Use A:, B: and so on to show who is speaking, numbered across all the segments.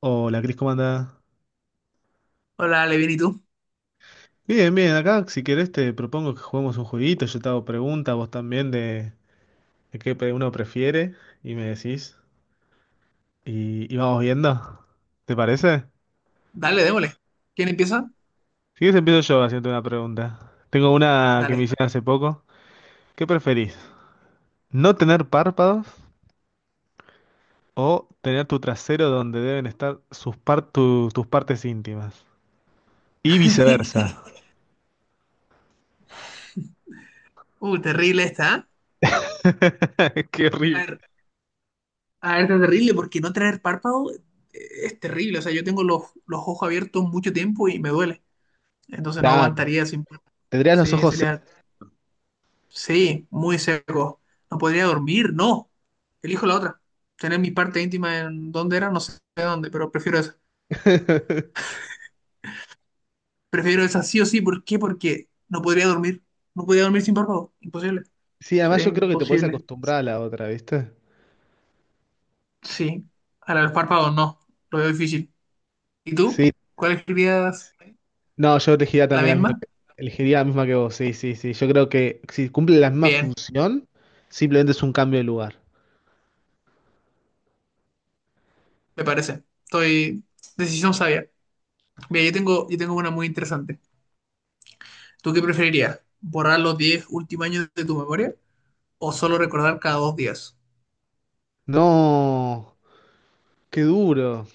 A: Hola, Cris, ¿cómo andás?
B: Hola, Levin, ¿y tú?
A: Bien, bien, acá si querés te propongo que juguemos un jueguito, yo te hago preguntas, vos también de, uno prefiere y me decís y vamos viendo, ¿te parece?
B: Dale, démosle. ¿Quién empieza?
A: Si quieres empiezo yo haciendo una pregunta. Tengo una que me
B: Dale.
A: hicieron hace poco. ¿Qué preferís? ¿No tener párpados o tener tu trasero donde deben estar tus partes íntimas? Y viceversa.
B: Terrible esta, ¿eh?
A: Qué
B: A
A: horrible.
B: ver, a ver, está terrible porque no tener párpado es terrible. O sea, yo tengo los ojos abiertos mucho tiempo y me duele. Entonces no
A: Claro,
B: aguantaría sin párpado.
A: tendrías los
B: Sí,
A: ojos
B: sí, muy seco. No podría dormir, no. Elijo la otra. Tener mi parte íntima en donde era, no sé dónde, pero prefiero esa.
A: secos.
B: Prefiero esa sí o sí. ¿Por qué? Porque no podría dormir. No podría dormir sin párpado. Imposible.
A: Sí, además
B: Sería
A: yo creo que te puedes
B: imposible.
A: acostumbrar a la otra, ¿viste?
B: Sí, a los párpados no, lo veo difícil. ¿Y tú?
A: Sí.
B: ¿Cuál escribías?
A: No, yo elegiría
B: ¿La
A: también la misma
B: misma?
A: que, elegiría la misma que vos, sí, sí, sí. Yo creo que si cumple la misma
B: Bien,
A: función, simplemente es un cambio de lugar.
B: me parece. Estoy... Decisión sabia. Mira, yo tengo una muy interesante. ¿Tú qué preferirías? ¿Borrar los 10 últimos años de tu memoria o solo recordar cada dos días?
A: No, qué duro.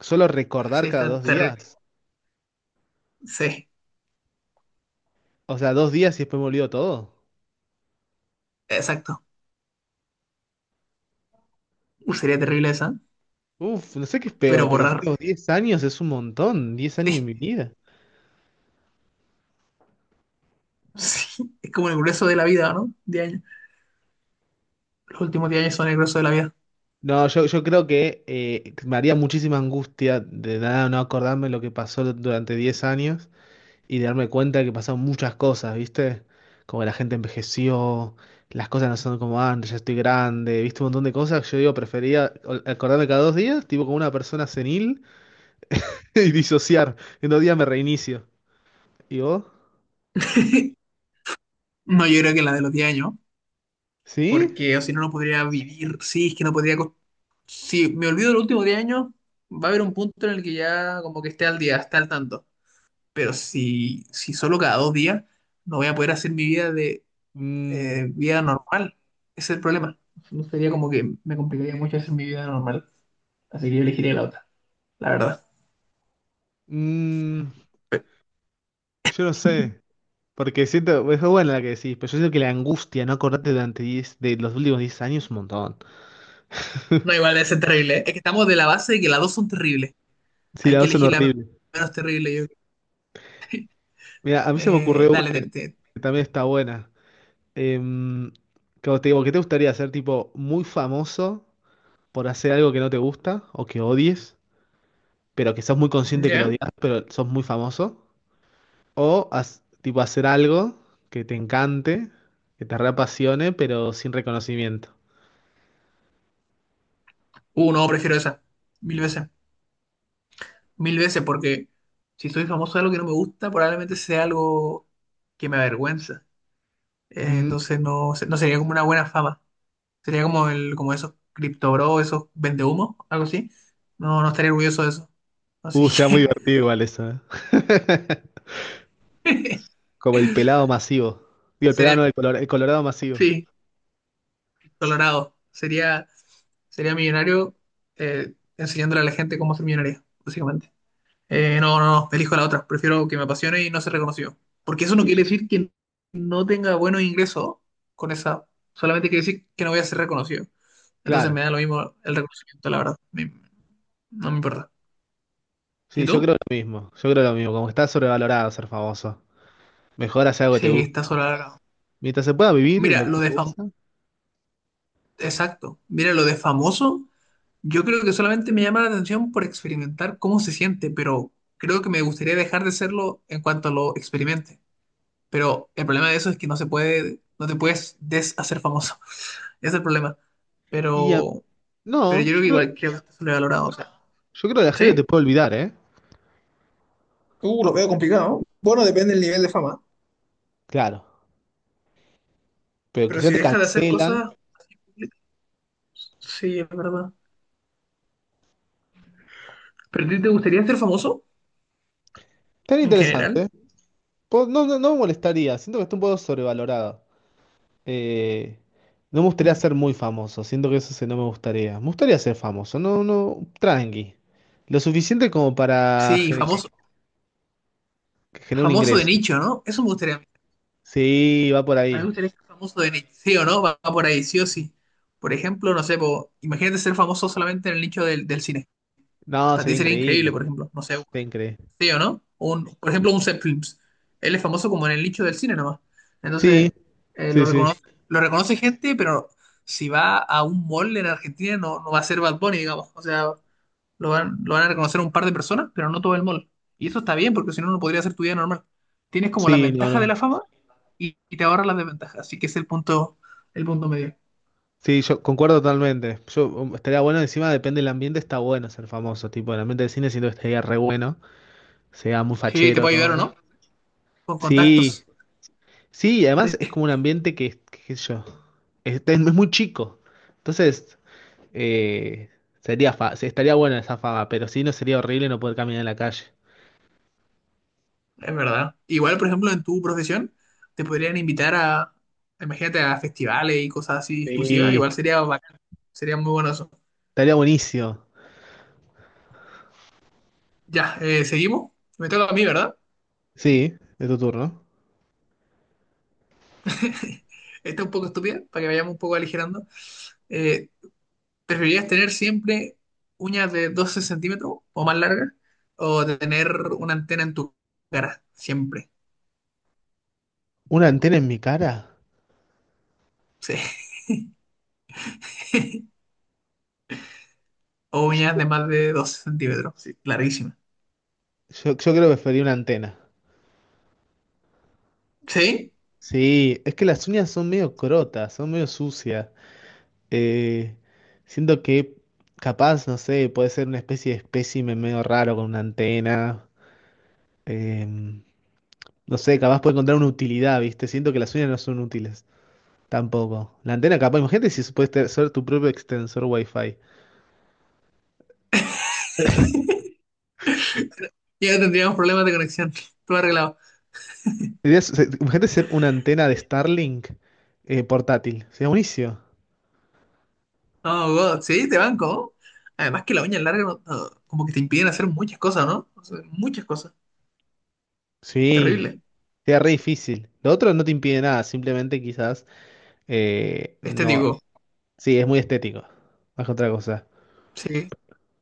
A: Solo
B: Sí,
A: recordar cada
B: está
A: dos
B: terrible.
A: días.
B: Sí,
A: O sea, dos días y después me olvido todo.
B: exacto. Sería terrible esa,
A: Uf, no sé qué es
B: pero
A: peor, pero los
B: borrar.
A: últimos 10 años es un montón. diez años
B: Sí,
A: en mi vida.
B: sí. Es como el grueso de la vida, ¿no? 10 años. Los últimos diez años son el grueso de la vida.
A: No, yo creo que me haría muchísima angustia de nada no acordarme lo que pasó durante 10 años, y de darme cuenta que pasaron muchas cosas, ¿viste? Como que la gente envejeció, las cosas no son como antes, ya estoy grande, ¿viste? Un montón de cosas. Que Yo digo, prefería acordarme cada dos días, tipo como una persona senil, y disociar. En dos días me reinicio. ¿Y vos?
B: No, yo creo que la de los 10 años,
A: ¿Sí?
B: porque o si no, no podría vivir. Sí, es que no podría. Si me olvido los últimos 10 años, va a haber un punto en el que ya como que esté al día, esté al tanto. Pero si, si solo cada dos días, no voy a poder hacer mi vida de
A: Mm,
B: vida normal. Ese es el problema. No sería como que me complicaría mucho hacer mi vida normal. Así que yo elegiría la otra, la verdad.
A: mm, yo no sé. Porque siento, es buena la que decís, pero yo siento que la angustia, no acordarte durante 10 de los últimos 10 años, es un montón.
B: No, igual debe ser terrible. Es que estamos de la base de que las dos son terribles.
A: Sí,
B: Hay
A: las
B: que
A: dos son
B: elegir la
A: horribles.
B: menos terrible, yo creo.
A: Mira, a mí se me ocurrió una
B: Dale,
A: que también está buena. Em, como te digo, ¿qué te gustaría ser tipo muy famoso por hacer algo que no te gusta o que odies, pero que sos muy consciente que lo
B: ¿ya?
A: odias, pero sos muy famoso? Tipo hacer algo que te encante, que te reapasione, pero sin reconocimiento?
B: No, prefiero esa. Mil veces. Mil veces, porque si soy famoso de algo que no me gusta, probablemente sea algo que me avergüenza.
A: Mm.
B: Entonces no, no sería como una buena fama. Sería como el, como esos cripto bro, esos vendehumos, algo así. No, no estaría orgulloso de eso. Así
A: Sea muy
B: que
A: divertido igual eso, ¿eh? Como el pelado masivo. Digo, el pelado no,
B: sería,
A: el colorado masivo.
B: sí, colorado. Sería millonario enseñándole a la gente cómo ser millonario, básicamente. No, elijo la otra. Prefiero que me apasione y no ser reconocido. Porque eso no
A: Sí,
B: quiere
A: yo-
B: decir que no tenga buenos ingresos con esa. Solamente quiere decir que no voy a ser reconocido. Entonces
A: Claro,
B: me da lo mismo el reconocimiento, la verdad. No me importa. ¿Y
A: sí, yo creo
B: tú?
A: lo mismo. Yo creo lo mismo. Como que está sobrevalorado ser famoso. Mejor hacer algo que te
B: Sí,
A: gusta.
B: está solo acá.
A: Mientras se pueda vivir de lo
B: Mira,
A: que
B: lo de
A: te
B: famoso.
A: gusta.
B: Exacto. Mira, lo de famoso. Yo creo que solamente me llama la atención por experimentar cómo se siente, pero creo que me gustaría dejar de serlo en cuanto lo experimente. Pero el problema de eso es que no se puede, no te puedes deshacer famoso. Es el problema.
A: Y a-
B: Pero, pero
A: no,
B: yo creo que igual que se le ha valorado, o sea,
A: yo creo que la gente te
B: ¿sí?
A: puede olvidar, ¿eh?
B: Lo veo complicado. Bueno, depende del nivel de fama.
A: Claro. Pero
B: Pero
A: quizá
B: si
A: te
B: deja de hacer
A: cancelan.
B: cosas, sí, es verdad. ¿Pero a ti te gustaría ser famoso
A: Tan
B: en general?
A: interesante. No, no, no me molestaría. Siento que está un poco sobrevalorado. Eh, no me gustaría
B: Mm.
A: ser muy famoso. Siento que no me gustaría. Me gustaría ser famoso. No, no. Tranqui. Lo suficiente como para
B: Sí, famoso,
A: que genere un
B: famoso de
A: ingreso.
B: nicho, ¿no? Eso me gustaría.
A: Sí, va por
B: A mí me
A: ahí.
B: gustaría ser famoso de nicho, sí o no, va por ahí, sí o sí. Por ejemplo, no sé, po, imagínate ser famoso solamente en el nicho del cine.
A: No,
B: Para ti
A: sería
B: sería increíble,
A: increíble.
B: por ejemplo, no sé,
A: Sería increíble.
B: sí o no, un, por ejemplo, un Seth Films. Él es famoso como en el nicho del cine nomás.
A: Sí,
B: Entonces, eh, lo
A: sí, sí.
B: reconoce, lo reconoce gente, pero si va a un mall en Argentina no, no va a ser Bad Bunny, digamos. O sea, lo van a reconocer un par de personas, pero no todo el mall. Y eso está bien, porque si no, no podría ser tu vida normal. Tienes como las
A: Sí, no,
B: ventajas de
A: no.
B: la fama y te ahorras las desventajas. Así que ese es el punto medio.
A: Sí, yo concuerdo totalmente. Yo estaría bueno, encima depende del ambiente, está bueno ser famoso, tipo, el ambiente de cine siento que estaría re bueno, sea muy
B: Sí, te
A: fachero
B: puede ayudar
A: todo.
B: o no, con
A: Sí,
B: contactos.
A: sí, y además es como un ambiente que qué sé yo, es muy chico. Entonces, eh, sí, estaría buena esa fama, pero sí no sería horrible no poder caminar en la calle.
B: Es verdad. Igual, por ejemplo, en tu profesión, te podrían invitar a, imagínate, a festivales y cosas así exclusivas.
A: Sí,
B: Igual sería bacán. Sería muy bueno eso.
A: estaría buenísimo.
B: Ya, seguimos. Me toca a mí, ¿verdad?
A: Sí, de tu turno.
B: Está un poco estúpida, para que vayamos un poco aligerando. Eh, ¿Preferirías tener siempre uñas de 12 centímetros o más largas? ¿O tener una antena en tu cara? Siempre.
A: ¿Una antena en mi cara?
B: Sí. O uñas
A: Yo,
B: de más de 12 centímetros. Sí, larguísimas.
A: creo que preferiría una antena.
B: ¿Sí?
A: Sí, es que las uñas son medio crotas, son medio sucias. Eh, siento que capaz, no sé, puede ser una especie de espécimen medio raro con una antena. Em, no sé, capaz puede encontrar una utilidad, ¿viste? Siento que las uñas no son útiles tampoco. La antena capaz, imagínate si puedes ser tu propio extensor Wi-Fi.
B: Ya no tendríamos problemas de conexión. Todo arreglado.
A: Imagínate ser una antena de Starlink portátil. Sería buenísimo.
B: No, God, sí, te banco. Además que la uña larga no, como que te impiden hacer muchas cosas, ¿no? O sea, muchas cosas.
A: Sí,
B: Terrible.
A: sería re difícil. Lo otro no te impide nada, simplemente quizás...
B: Este
A: no,
B: digo,
A: sí, es muy estético. Más que otra cosa.
B: sí, sí,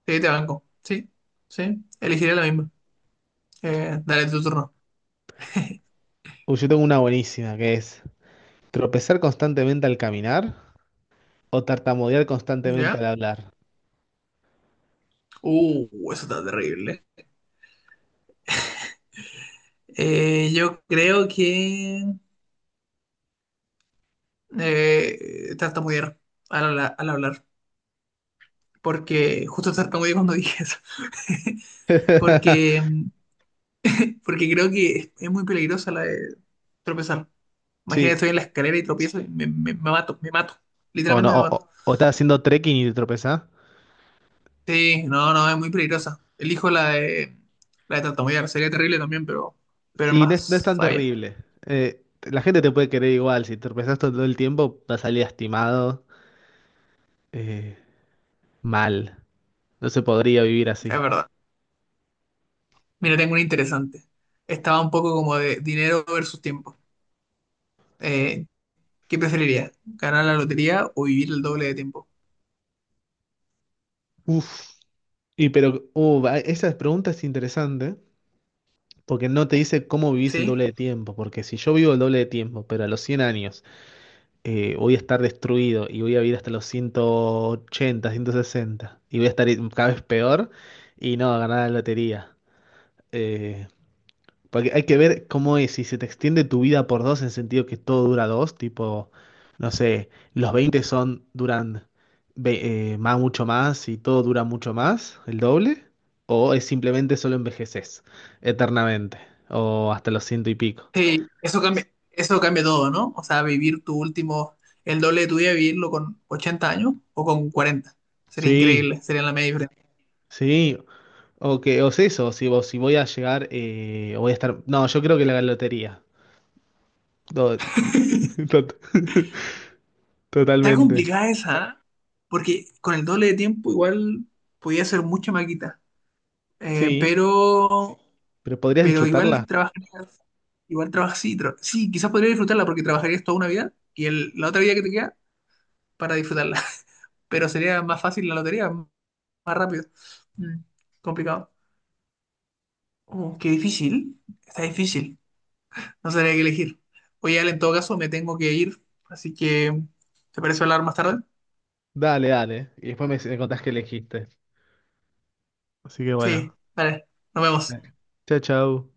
B: te banco. Sí, sí, elegiré la misma. Dale tu turno.
A: Uy, yo tengo una buenísima que es tropezar constantemente al caminar o tartamudear constantemente al
B: ¿Ya?
A: hablar.
B: Eso está terrible. Yo creo que tartamudear al hablar. Porque justo tartamudeé cuando dije eso. Porque, porque creo que es muy peligrosa la de tropezar. Imagínate,
A: Sí,
B: estoy en la escalera y tropiezo y me, me mato, me mato.
A: o no,
B: Literalmente me mato.
A: o estás haciendo trekking y te tropezás.
B: Sí, no, no, es muy peligrosa. Elijo la de tartamudear. Sería terrible también, pero es
A: Sí, no es
B: más
A: tan
B: sabia.
A: terrible. La gente te puede querer igual. Si tropezás todo el tiempo, vas a salir lastimado, eh, mal. No se podría vivir
B: Es
A: así.
B: verdad. Mira, tengo una interesante. Estaba un poco como de dinero versus tiempo. Eh, ¿Qué preferiría? ¿Ganar la lotería o vivir el doble de tiempo?
A: Uf, y pero, va- esa pregunta es interesante. Porque no te dice cómo vivís el
B: Sí.
A: doble de tiempo, porque si yo vivo el doble de tiempo, pero a los 100 años voy a estar destruido y voy a vivir hasta los 180, 160 y voy a estar cada vez peor y no, a ganar la lotería. Eh, porque hay que ver cómo es, si se te extiende tu vida por dos en sentido que todo dura dos, tipo, no sé, los 20 son, duran más, mucho más y todo dura mucho más, el doble, o es simplemente solo envejeces eternamente, o hasta los ciento y pico.
B: Sí, eso cambia todo, ¿no? O sea, vivir tu último, el doble de tu vida, vivirlo con 80 años o con 40. Sería
A: Sí,
B: increíble, sería la media diferencia.
A: sí, o que, o es eso, si voy a llegar, voy a estar, no, yo creo que la lotería, Do- tot-
B: Está
A: totalmente,
B: complicada esa, ¿ah? Porque con el doble de tiempo igual podía hacer mucha maquita. Eh,
A: sí,
B: pero,
A: pero podrías
B: pero
A: disfrutarla.
B: igual trabajarías, igual trabajas, sí, sí, quizás podrías disfrutarla porque trabajarías toda una vida y la otra vida que te queda para disfrutarla, pero sería más fácil la lotería, más rápido. Mm, complicado. Oh, qué difícil, está difícil, no sabría qué elegir. Oye, Ale, en todo caso me tengo que ir, así que ¿te parece hablar más tarde?
A: Dale, dale. Y después me contás qué elegiste. Así que
B: Sí,
A: bueno,
B: vale, nos vemos.
A: Dale. Chau. Chao.